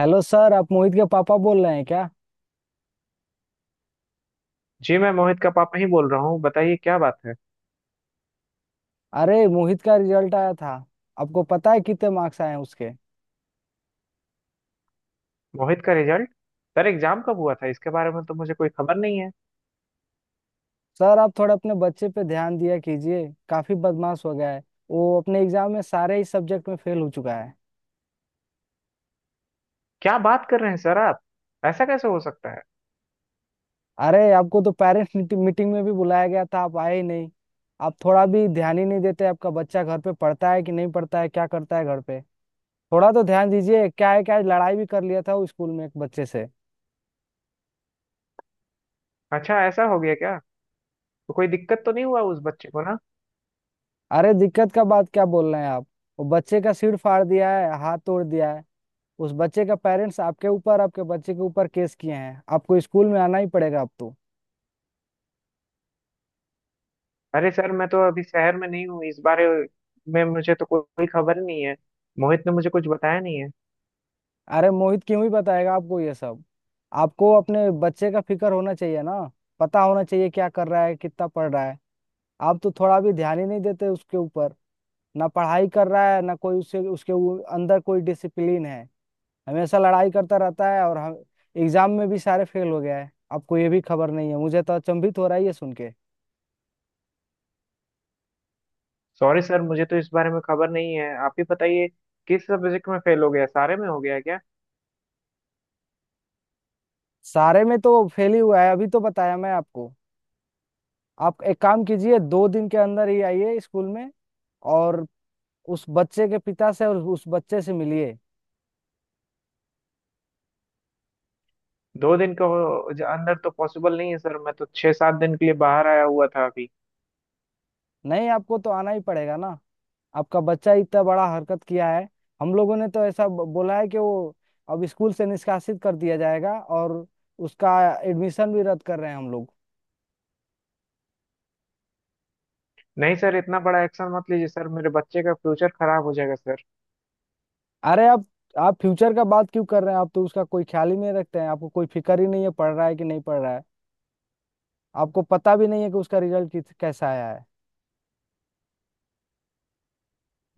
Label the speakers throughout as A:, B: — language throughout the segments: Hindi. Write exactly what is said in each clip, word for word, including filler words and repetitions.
A: हेलो सर, आप मोहित के पापा बोल रहे हैं क्या?
B: जी, मैं मोहित का पापा ही बोल रहा हूँ। बताइए क्या बात है?
A: अरे, मोहित का रिजल्ट आया था। आपको पता है कितने मार्क्स आए हैं उसके?
B: मोहित का रिजल्ट? सर एग्जाम कब हुआ था इसके बारे में तो मुझे कोई खबर नहीं है।
A: सर, आप थोड़ा अपने बच्चे पे ध्यान दिया कीजिए, काफी बदमाश हो गया है। वो अपने एग्जाम में सारे ही सब्जेक्ट में फेल हो चुका है।
B: क्या बात कर रहे हैं सर आप? ऐसा कैसे हो सकता है?
A: अरे, आपको तो पेरेंट्स मीटिंग में भी बुलाया गया था, आप आए ही नहीं। आप थोड़ा भी ध्यान ही नहीं देते। आपका बच्चा घर पे पढ़ता है कि नहीं पढ़ता है, क्या करता है घर पे? थोड़ा तो ध्यान दीजिए। क्या है क्या है, लड़ाई भी कर लिया था वो स्कूल में एक बच्चे से।
B: अच्छा ऐसा हो गया क्या? तो कोई दिक्कत तो नहीं हुआ उस बच्चे को ना?
A: अरे, दिक्कत का बात क्या बोल रहे हैं आप। वो बच्चे का सिर फाड़ दिया है, हाथ तोड़ दिया है। उस बच्चे का पेरेंट्स आपके ऊपर, आपके बच्चे के ऊपर केस किए हैं। आपको स्कूल में आना ही पड़ेगा अब तो।
B: अरे सर, मैं तो अभी शहर में नहीं हूँ। इस बारे में मुझे तो कोई कोई खबर नहीं है। मोहित ने मुझे कुछ बताया नहीं है।
A: अरे, मोहित क्यों ही बताएगा आपको ये सब। आपको अपने बच्चे का फिक्र होना चाहिए ना। पता होना चाहिए क्या कर रहा है, कितना पढ़ रहा है। आप तो थोड़ा भी ध्यान ही नहीं देते उसके ऊपर। ना पढ़ाई कर रहा है, ना कोई उसे उसके उ- अंदर कोई डिसिप्लिन है। हमेशा लड़ाई करता रहता है और हम एग्जाम में भी सारे फेल हो गया है। आपको ये भी खबर नहीं है, मुझे तो अचंभित हो रहा है ये सुन के।
B: सॉरी सर, मुझे तो इस बारे में खबर नहीं है। आप ही बताइए किस सब्जेक्ट में फेल हो गया? सारे में हो गया क्या?
A: सारे में तो फेल ही हुआ है, अभी तो बताया मैं आपको। आप एक काम कीजिए, दो दिन के अंदर ही आइए स्कूल में। और उस बच्चे के पिता से और उस बच्चे से मिलिए।
B: दो दिन के हो- अंदर तो पॉसिबल नहीं है सर। मैं तो छह सात दिन के लिए बाहर आया हुआ था अभी।
A: नहीं, आपको तो आना ही पड़ेगा ना। आपका बच्चा इतना बड़ा हरकत किया है। हम लोगों ने तो ऐसा ब- बोला है कि वो अब स्कूल से निष्कासित कर दिया जाएगा। और उसका एडमिशन भी रद्द कर रहे हैं हम लोग।
B: नहीं सर, इतना बड़ा एक्शन मत लीजिए सर। मेरे बच्चे का फ्यूचर खराब हो जाएगा सर।
A: अरे आप आप फ्यूचर का बात क्यों कर रहे हैं? आप तो उसका कोई ख्याल ही नहीं रखते हैं, आपको कोई फिक्र ही नहीं है, पढ़ रहा है कि नहीं पढ़ रहा है। आपको पता भी नहीं है कि उसका रिजल्ट किस कैसा आया है।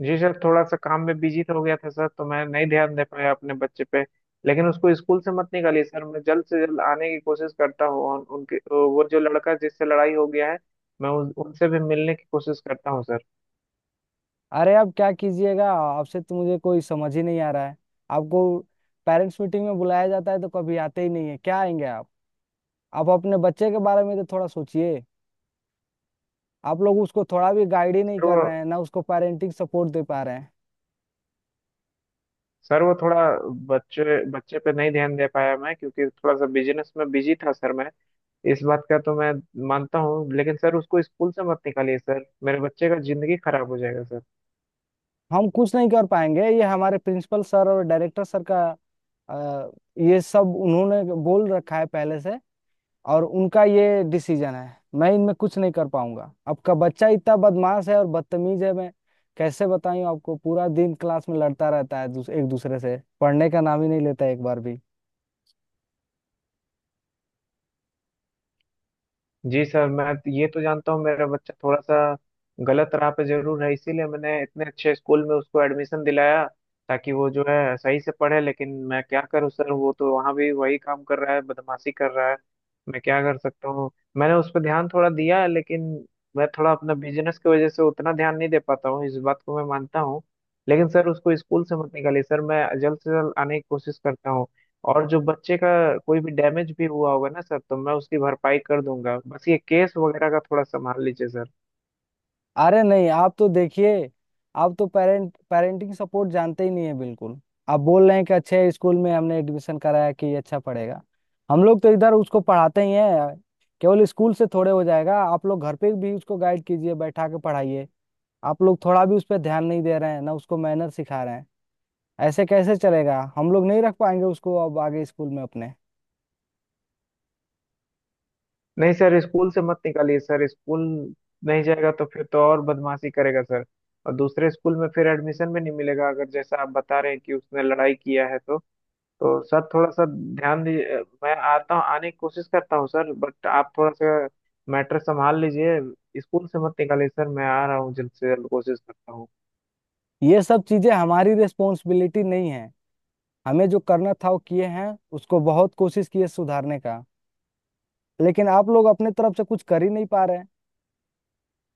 B: जी सर, थोड़ा सा काम में बिजी हो गया था सर, तो मैं नहीं ध्यान दे पाया अपने बच्चे पे। लेकिन उसको स्कूल से मत निकालिए सर। मैं जल्द से जल्द आने की कोशिश करता हूँ। और उनके तो वो जो लड़का जिससे लड़ाई हो गया है, मैं उन, उनसे भी मिलने की कोशिश करता हूँ सर।
A: अरे आप क्या कीजिएगा, आपसे तो मुझे कोई समझ ही नहीं आ रहा है। आपको पेरेंट्स मीटिंग में बुलाया जाता है तो कभी आते ही नहीं है, क्या आएंगे आप? आप अपने बच्चे के बारे में तो थोड़ा सोचिए। आप लोग उसको थोड़ा भी गाइड ही नहीं
B: सर वो
A: कर रहे हैं, ना उसको पेरेंटिंग सपोर्ट दे पा रहे हैं।
B: सर वो थोड़ा बच्चे बच्चे पे नहीं ध्यान दे पाया मैं, क्योंकि थोड़ा सा बिजनेस में बिजी था सर मैं। इस बात का तो मैं मानता हूँ। लेकिन सर उसको स्कूल से मत निकालिए सर। मेरे बच्चे का जिंदगी खराब हो जाएगा सर।
A: हम कुछ नहीं कर पाएंगे, ये हमारे प्रिंसिपल सर और डायरेक्टर सर का, अ, ये सब उन्होंने बोल रखा है पहले से। और उनका ये डिसीजन है, मैं इनमें कुछ नहीं कर पाऊंगा। आपका बच्चा इतना बदमाश है और बदतमीज है, मैं कैसे बताऊं आपको। पूरा दिन क्लास में लड़ता रहता है, दूस, एक दूसरे से पढ़ने का नाम ही नहीं लेता एक बार भी।
B: जी सर, मैं ये तो जानता हूँ मेरा बच्चा थोड़ा सा गलत राह पे जरूर है। इसीलिए मैंने इतने अच्छे स्कूल में उसको एडमिशन दिलाया ताकि वो जो है सही से पढ़े। लेकिन मैं क्या करूँ सर, वो तो वहाँ भी वही काम कर रहा है, बदमाशी कर रहा है। मैं क्या कर सकता हूँ? मैंने उस पर ध्यान थोड़ा दिया है, लेकिन मैं थोड़ा अपना बिजनेस की वजह से उतना ध्यान नहीं दे पाता हूँ। इस बात को मैं मानता हूँ। लेकिन सर उसको स्कूल से मत निकालिए सर। मैं जल्द से जल्द आने की कोशिश करता हूँ। और जो बच्चे का कोई भी डैमेज भी हुआ होगा ना सर, तो मैं उसकी भरपाई कर दूंगा। बस ये केस वगैरह का थोड़ा संभाल लीजिए सर।
A: अरे नहीं, आप तो देखिए, आप तो पेरेंट पेरेंटिंग सपोर्ट जानते ही नहीं है बिल्कुल। आप बोल रहे हैं कि अच्छे स्कूल में हमने एडमिशन कराया कि ये अच्छा पढ़ेगा। हम लोग तो इधर उसको पढ़ाते ही हैं, केवल स्कूल से थोड़े हो जाएगा। आप लोग घर पे भी उसको गाइड कीजिए, बैठा के पढ़ाइए। आप लोग थोड़ा भी उस पर ध्यान नहीं दे रहे हैं, ना उसको मैनर सिखा रहे हैं। ऐसे कैसे चलेगा, हम लोग नहीं रख पाएंगे उसको अब आगे स्कूल में अपने।
B: नहीं सर, स्कूल से मत निकालिए सर। स्कूल नहीं जाएगा तो फिर तो और बदमाशी करेगा सर। और दूसरे स्कूल में फिर एडमिशन भी नहीं मिलेगा अगर जैसा आप बता रहे हैं कि उसने लड़ाई किया है। तो तो सर थोड़ा सा ध्यान दीजिए। मैं आता हूँ, आने की कोशिश करता हूँ सर। बट आप थोड़ा सा मैटर संभाल लीजिए। स्कूल से मत निकालिए सर। मैं आ रहा हूँ, जल्द से जल्द कोशिश करता हूँ।
A: ये सब चीजें हमारी रिस्पॉन्सिबिलिटी नहीं है। हमें जो करना था वो किए हैं, उसको बहुत कोशिश की है सुधारने का। लेकिन आप लोग अपने तरफ से कुछ कर ही नहीं पा रहे हैं,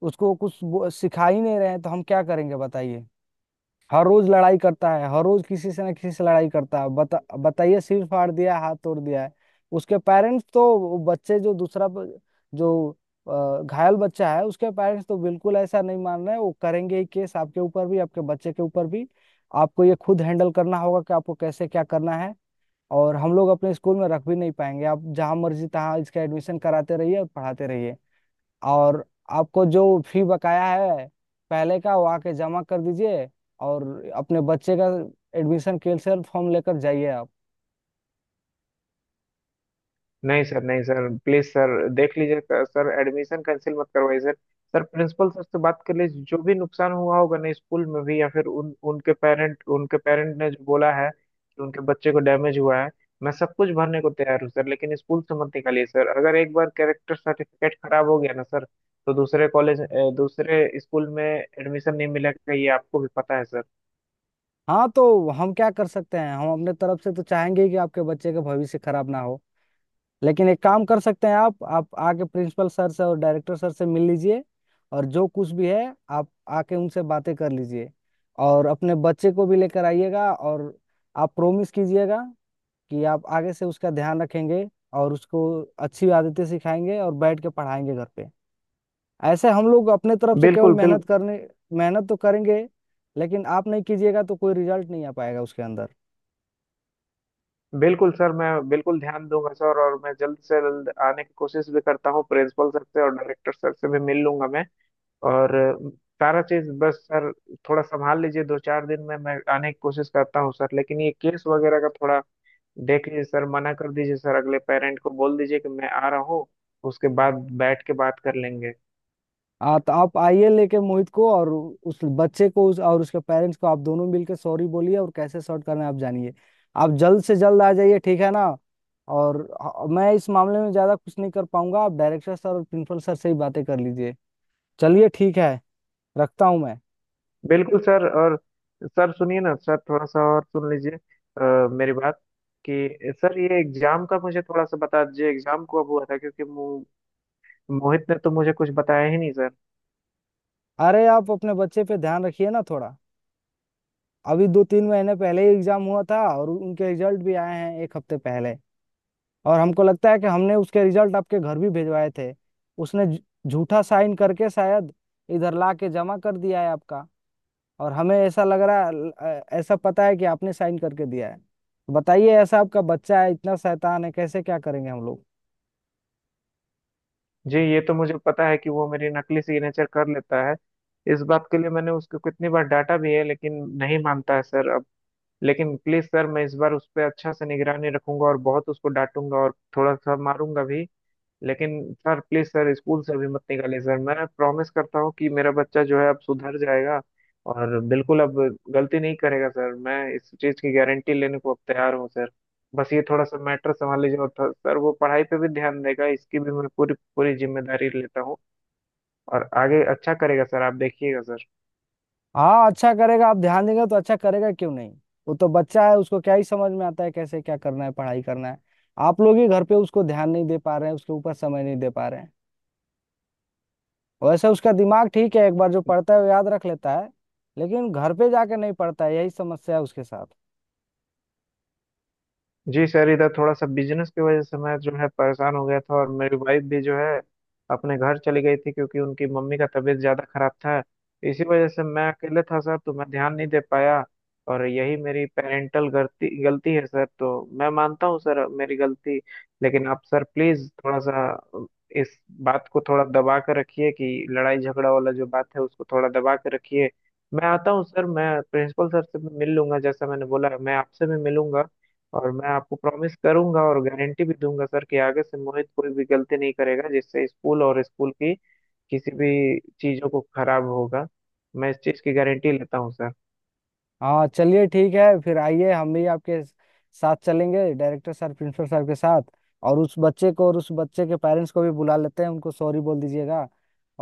A: उसको कुछ वो- सिखा ही नहीं रहे हैं, तो हम क्या करेंगे बताइए। हर रोज लड़ाई करता है, हर रोज किसी से ना किसी से लड़ाई करता है। बता बताइए, सिर फाड़ दिया है, हाथ तोड़ दिया है। उसके पेरेंट्स तो, वो बच्चे जो दूसरा ब- जो अ, घायल बच्चा है, उसके पेरेंट्स तो बिल्कुल ऐसा नहीं मान रहे हैं। वो करेंगे ही केस आपके ऊपर भी, आपके बच्चे के ऊपर भी। आपको ये खुद हैंडल करना होगा कि आपको कैसे क्या करना है। और हम लोग अपने स्कूल में रख भी नहीं पाएंगे। आप जहां मर्जी तहां इसका एडमिशन कराते रहिए और पढ़ाते रहिए। और आपको जो फी बकाया है पहले का, वो आके जमा कर दीजिए। और अपने बच्चे का एडमिशन कैंसिल फॉर्म लेकर जाइए आप।
B: नहीं सर, नहीं सर, प्लीज सर, देख लीजिए क- सर एडमिशन कैंसिल मत करवाइए सर। सर प्रिंसिपल सर से बात कर लीजिए। जो भी नुकसान हुआ होगा ना स्कूल में भी, या फिर उन उनके पेरेंट उनके पेरेंट ने जो बोला है कि उनके बच्चे को डैमेज हुआ है, मैं सब कुछ भरने को तैयार हूँ सर। लेकिन स्कूल से मत निकालिए सर। अगर एक बार कैरेक्टर सर्टिफिकेट खराब हो गया ना सर, तो दूसरे कॉलेज दूसरे स्कूल में एडमिशन नहीं मिलेगा। ये आपको भी पता है सर।
A: हाँ तो हम क्या कर सकते हैं, हम अपने तरफ से तो चाहेंगे ही कि आपके बच्चे का भविष्य खराब ना हो। लेकिन एक काम कर सकते हैं आप आप आके प्रिंसिपल सर से और डायरेक्टर सर से मिल लीजिए। और जो कुछ भी है, आप आके उनसे बातें कर लीजिए। और अपने बच्चे को भी लेकर आइएगा। और आप प्रोमिस कीजिएगा कि आप आगे से उसका ध्यान रखेंगे, और उसको अच्छी आदतें सिखाएंगे और बैठ के पढ़ाएंगे घर पे। ऐसे हम लोग अपने तरफ से केवल
B: बिल्कुल, बिल्कुल।
A: मेहनत करने, मेहनत तो करेंगे, लेकिन आप नहीं कीजिएगा तो कोई रिजल्ट नहीं आ पाएगा उसके अंदर।
B: बिल्कुल सर, मैं बिल्कुल ध्यान दूंगा सर। और मैं जल्द से जल्द आने की कोशिश भी करता हूँ। प्रिंसिपल सर से और डायरेक्टर सर से भी मिल लूंगा मैं। और अ, सारा चीज बस सर थोड़ा संभाल लीजिए। दो चार दिन में मैं आने की कोशिश करता हूँ सर। लेकिन ये केस वगैरह का थोड़ा देख लीजिए सर। मना कर दीजिए सर, अगले पेरेंट को बोल दीजिए कि मैं आ रहा हूँ। उसके बाद बैठ के बात कर लेंगे।
A: आ, तो आप आइए लेके मोहित को, और उस बच्चे को उस, और उसके पेरेंट्स को। आप दोनों मिलकर सॉरी बोलिए, और कैसे सॉर्ट करना है आप जानिए। आप जल्द से जल्द आ जाइए, ठीक है ना? और ह- मैं इस मामले में ज्यादा कुछ नहीं कर पाऊंगा, आप डायरेक्टर सर और प्रिंसिपल सर से ही बातें कर लीजिए। चलिए ठीक है, रखता हूँ मैं।
B: बिल्कुल सर। और सर सुनिए ना सर, थोड़ा सा और सुन लीजिए अ, मेरी बात कि सर ये एग्जाम का मुझे थोड़ा सा बता दीजिए। एग्जाम कब हुआ था? क्योंकि मो, मोहित ने तो मुझे कुछ बताया ही नहीं सर।
A: अरे, आप अपने बच्चे पे ध्यान रखिए ना थोड़ा। अभी दो तीन महीने पहले ही एग्जाम हुआ था, और उनके रिजल्ट भी आए हैं एक हफ्ते पहले। और हमको लगता है कि हमने उसके रिजल्ट आपके घर भी भिजवाए थे। उसने झ- झूठा साइन करके शायद इधर ला के जमा कर दिया है आपका। और हमें ऐसा लग रहा है ल- अ, ऐसा पता है कि आपने साइन करके दिया है। बताइए ऐसा, आपका बच्चा है इतना शैतान है, कैसे क्या करेंगे हम लोग।
B: जी, ये तो मुझे पता है कि वो मेरी नकली सिग्नेचर कर लेता है। इस बात के लिए मैंने उसको कितनी बार डांटा भी है, लेकिन नहीं मानता है सर अब। लेकिन प्लीज सर, मैं इस बार उस पर अच्छा से निगरानी रखूंगा, और बहुत उसको डांटूंगा और थोड़ा सा मारूंगा भी। लेकिन सर प्लीज सर, स्कूल से अभी मत निकालिए सर। मैं प्रॉमिस करता हूँ कि मेरा बच्चा जो है अब सुधर जाएगा, और बिल्कुल अब गलती नहीं करेगा सर। मैं इस चीज की गारंटी लेने को अब तैयार हूँ सर। बस ये थोड़ा सा मैटर संभाल लीजिए। और थ- सर वो पढ़ाई पे भी ध्यान देगा, इसकी भी मैं पूरी पूरी जिम्मेदारी लेता हूँ। और आगे अच्छा करेगा सर, आप देखिएगा सर।
A: हाँ, अच्छा करेगा, आप ध्यान देंगे तो अच्छा करेगा, क्यों नहीं। वो तो बच्चा है, उसको क्या ही समझ में आता है कैसे क्या करना है, पढ़ाई करना है। आप लोग ही घर पे उसको ध्यान नहीं दे पा रहे हैं, उसके ऊपर समय नहीं दे पा रहे हैं। वैसे उसका दिमाग ठीक है, एक बार जो पढ़ता है वो याद रख लेता है। लेकिन घर पे जाके नहीं पढ़ता है, यही समस्या है उसके साथ।
B: जी सर, इधर थोड़ा सा बिजनेस की वजह से मैं जो है परेशान हो गया था। और मेरी वाइफ भी जो है अपने घर चली गई थी, क्योंकि उनकी मम्मी का तबीयत ज़्यादा खराब था। इसी वजह से मैं अकेले था सर, तो मैं ध्यान नहीं दे पाया। और यही मेरी पेरेंटल गलती गलती है सर। तो मैं मानता हूँ सर, मेरी गलती। लेकिन आप सर प्लीज़ थोड़ा सा इस बात को थोड़ा दबा कर रखिए, कि लड़ाई झगड़ा वाला जो बात है, उसको थोड़ा दबा कर रखिए। मैं आता हूँ सर, मैं प्रिंसिपल सर से भी मिल लूंगा। जैसा मैंने बोला, मैं आपसे भी मिलूंगा। और मैं आपको प्रॉमिस करूंगा और गारंटी भी दूंगा सर कि आगे से मोहित कोई भी गलती नहीं करेगा जिससे स्कूल और स्कूल की किसी भी चीजों को खराब होगा। मैं इस चीज की गारंटी लेता हूँ सर।
A: हाँ चलिए ठीक है, फिर आइए, हम भी आपके साथ चलेंगे डायरेक्टर सर प्रिंसिपल सर के साथ। और उस बच्चे को और उस बच्चे के पेरेंट्स को भी बुला लेते हैं, उनको सॉरी बोल दीजिएगा।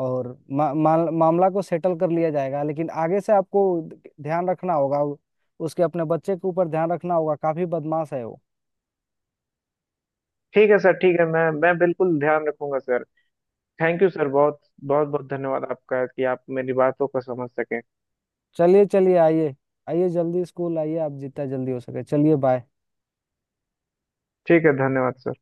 A: और मा, मा, मामला को सेटल कर लिया जाएगा। लेकिन आगे से आपको ध- ध्यान रखना होगा उ- उसके, अपने बच्चे के ऊपर ध्यान रखना होगा, काफी बदमाश है वो।
B: ठीक है सर, ठीक है। मैं मैं बिल्कुल ध्यान रखूंगा सर। थैंक यू सर, बहुत बहुत बहुत धन्यवाद आपका कि आप मेरी बातों को समझ सके।
A: चलिए चलिए, आइए आइए जल्दी, स्कूल आइए आप जितना जल्दी हो सके। चलिए, बाय।
B: ठीक है, धन्यवाद सर।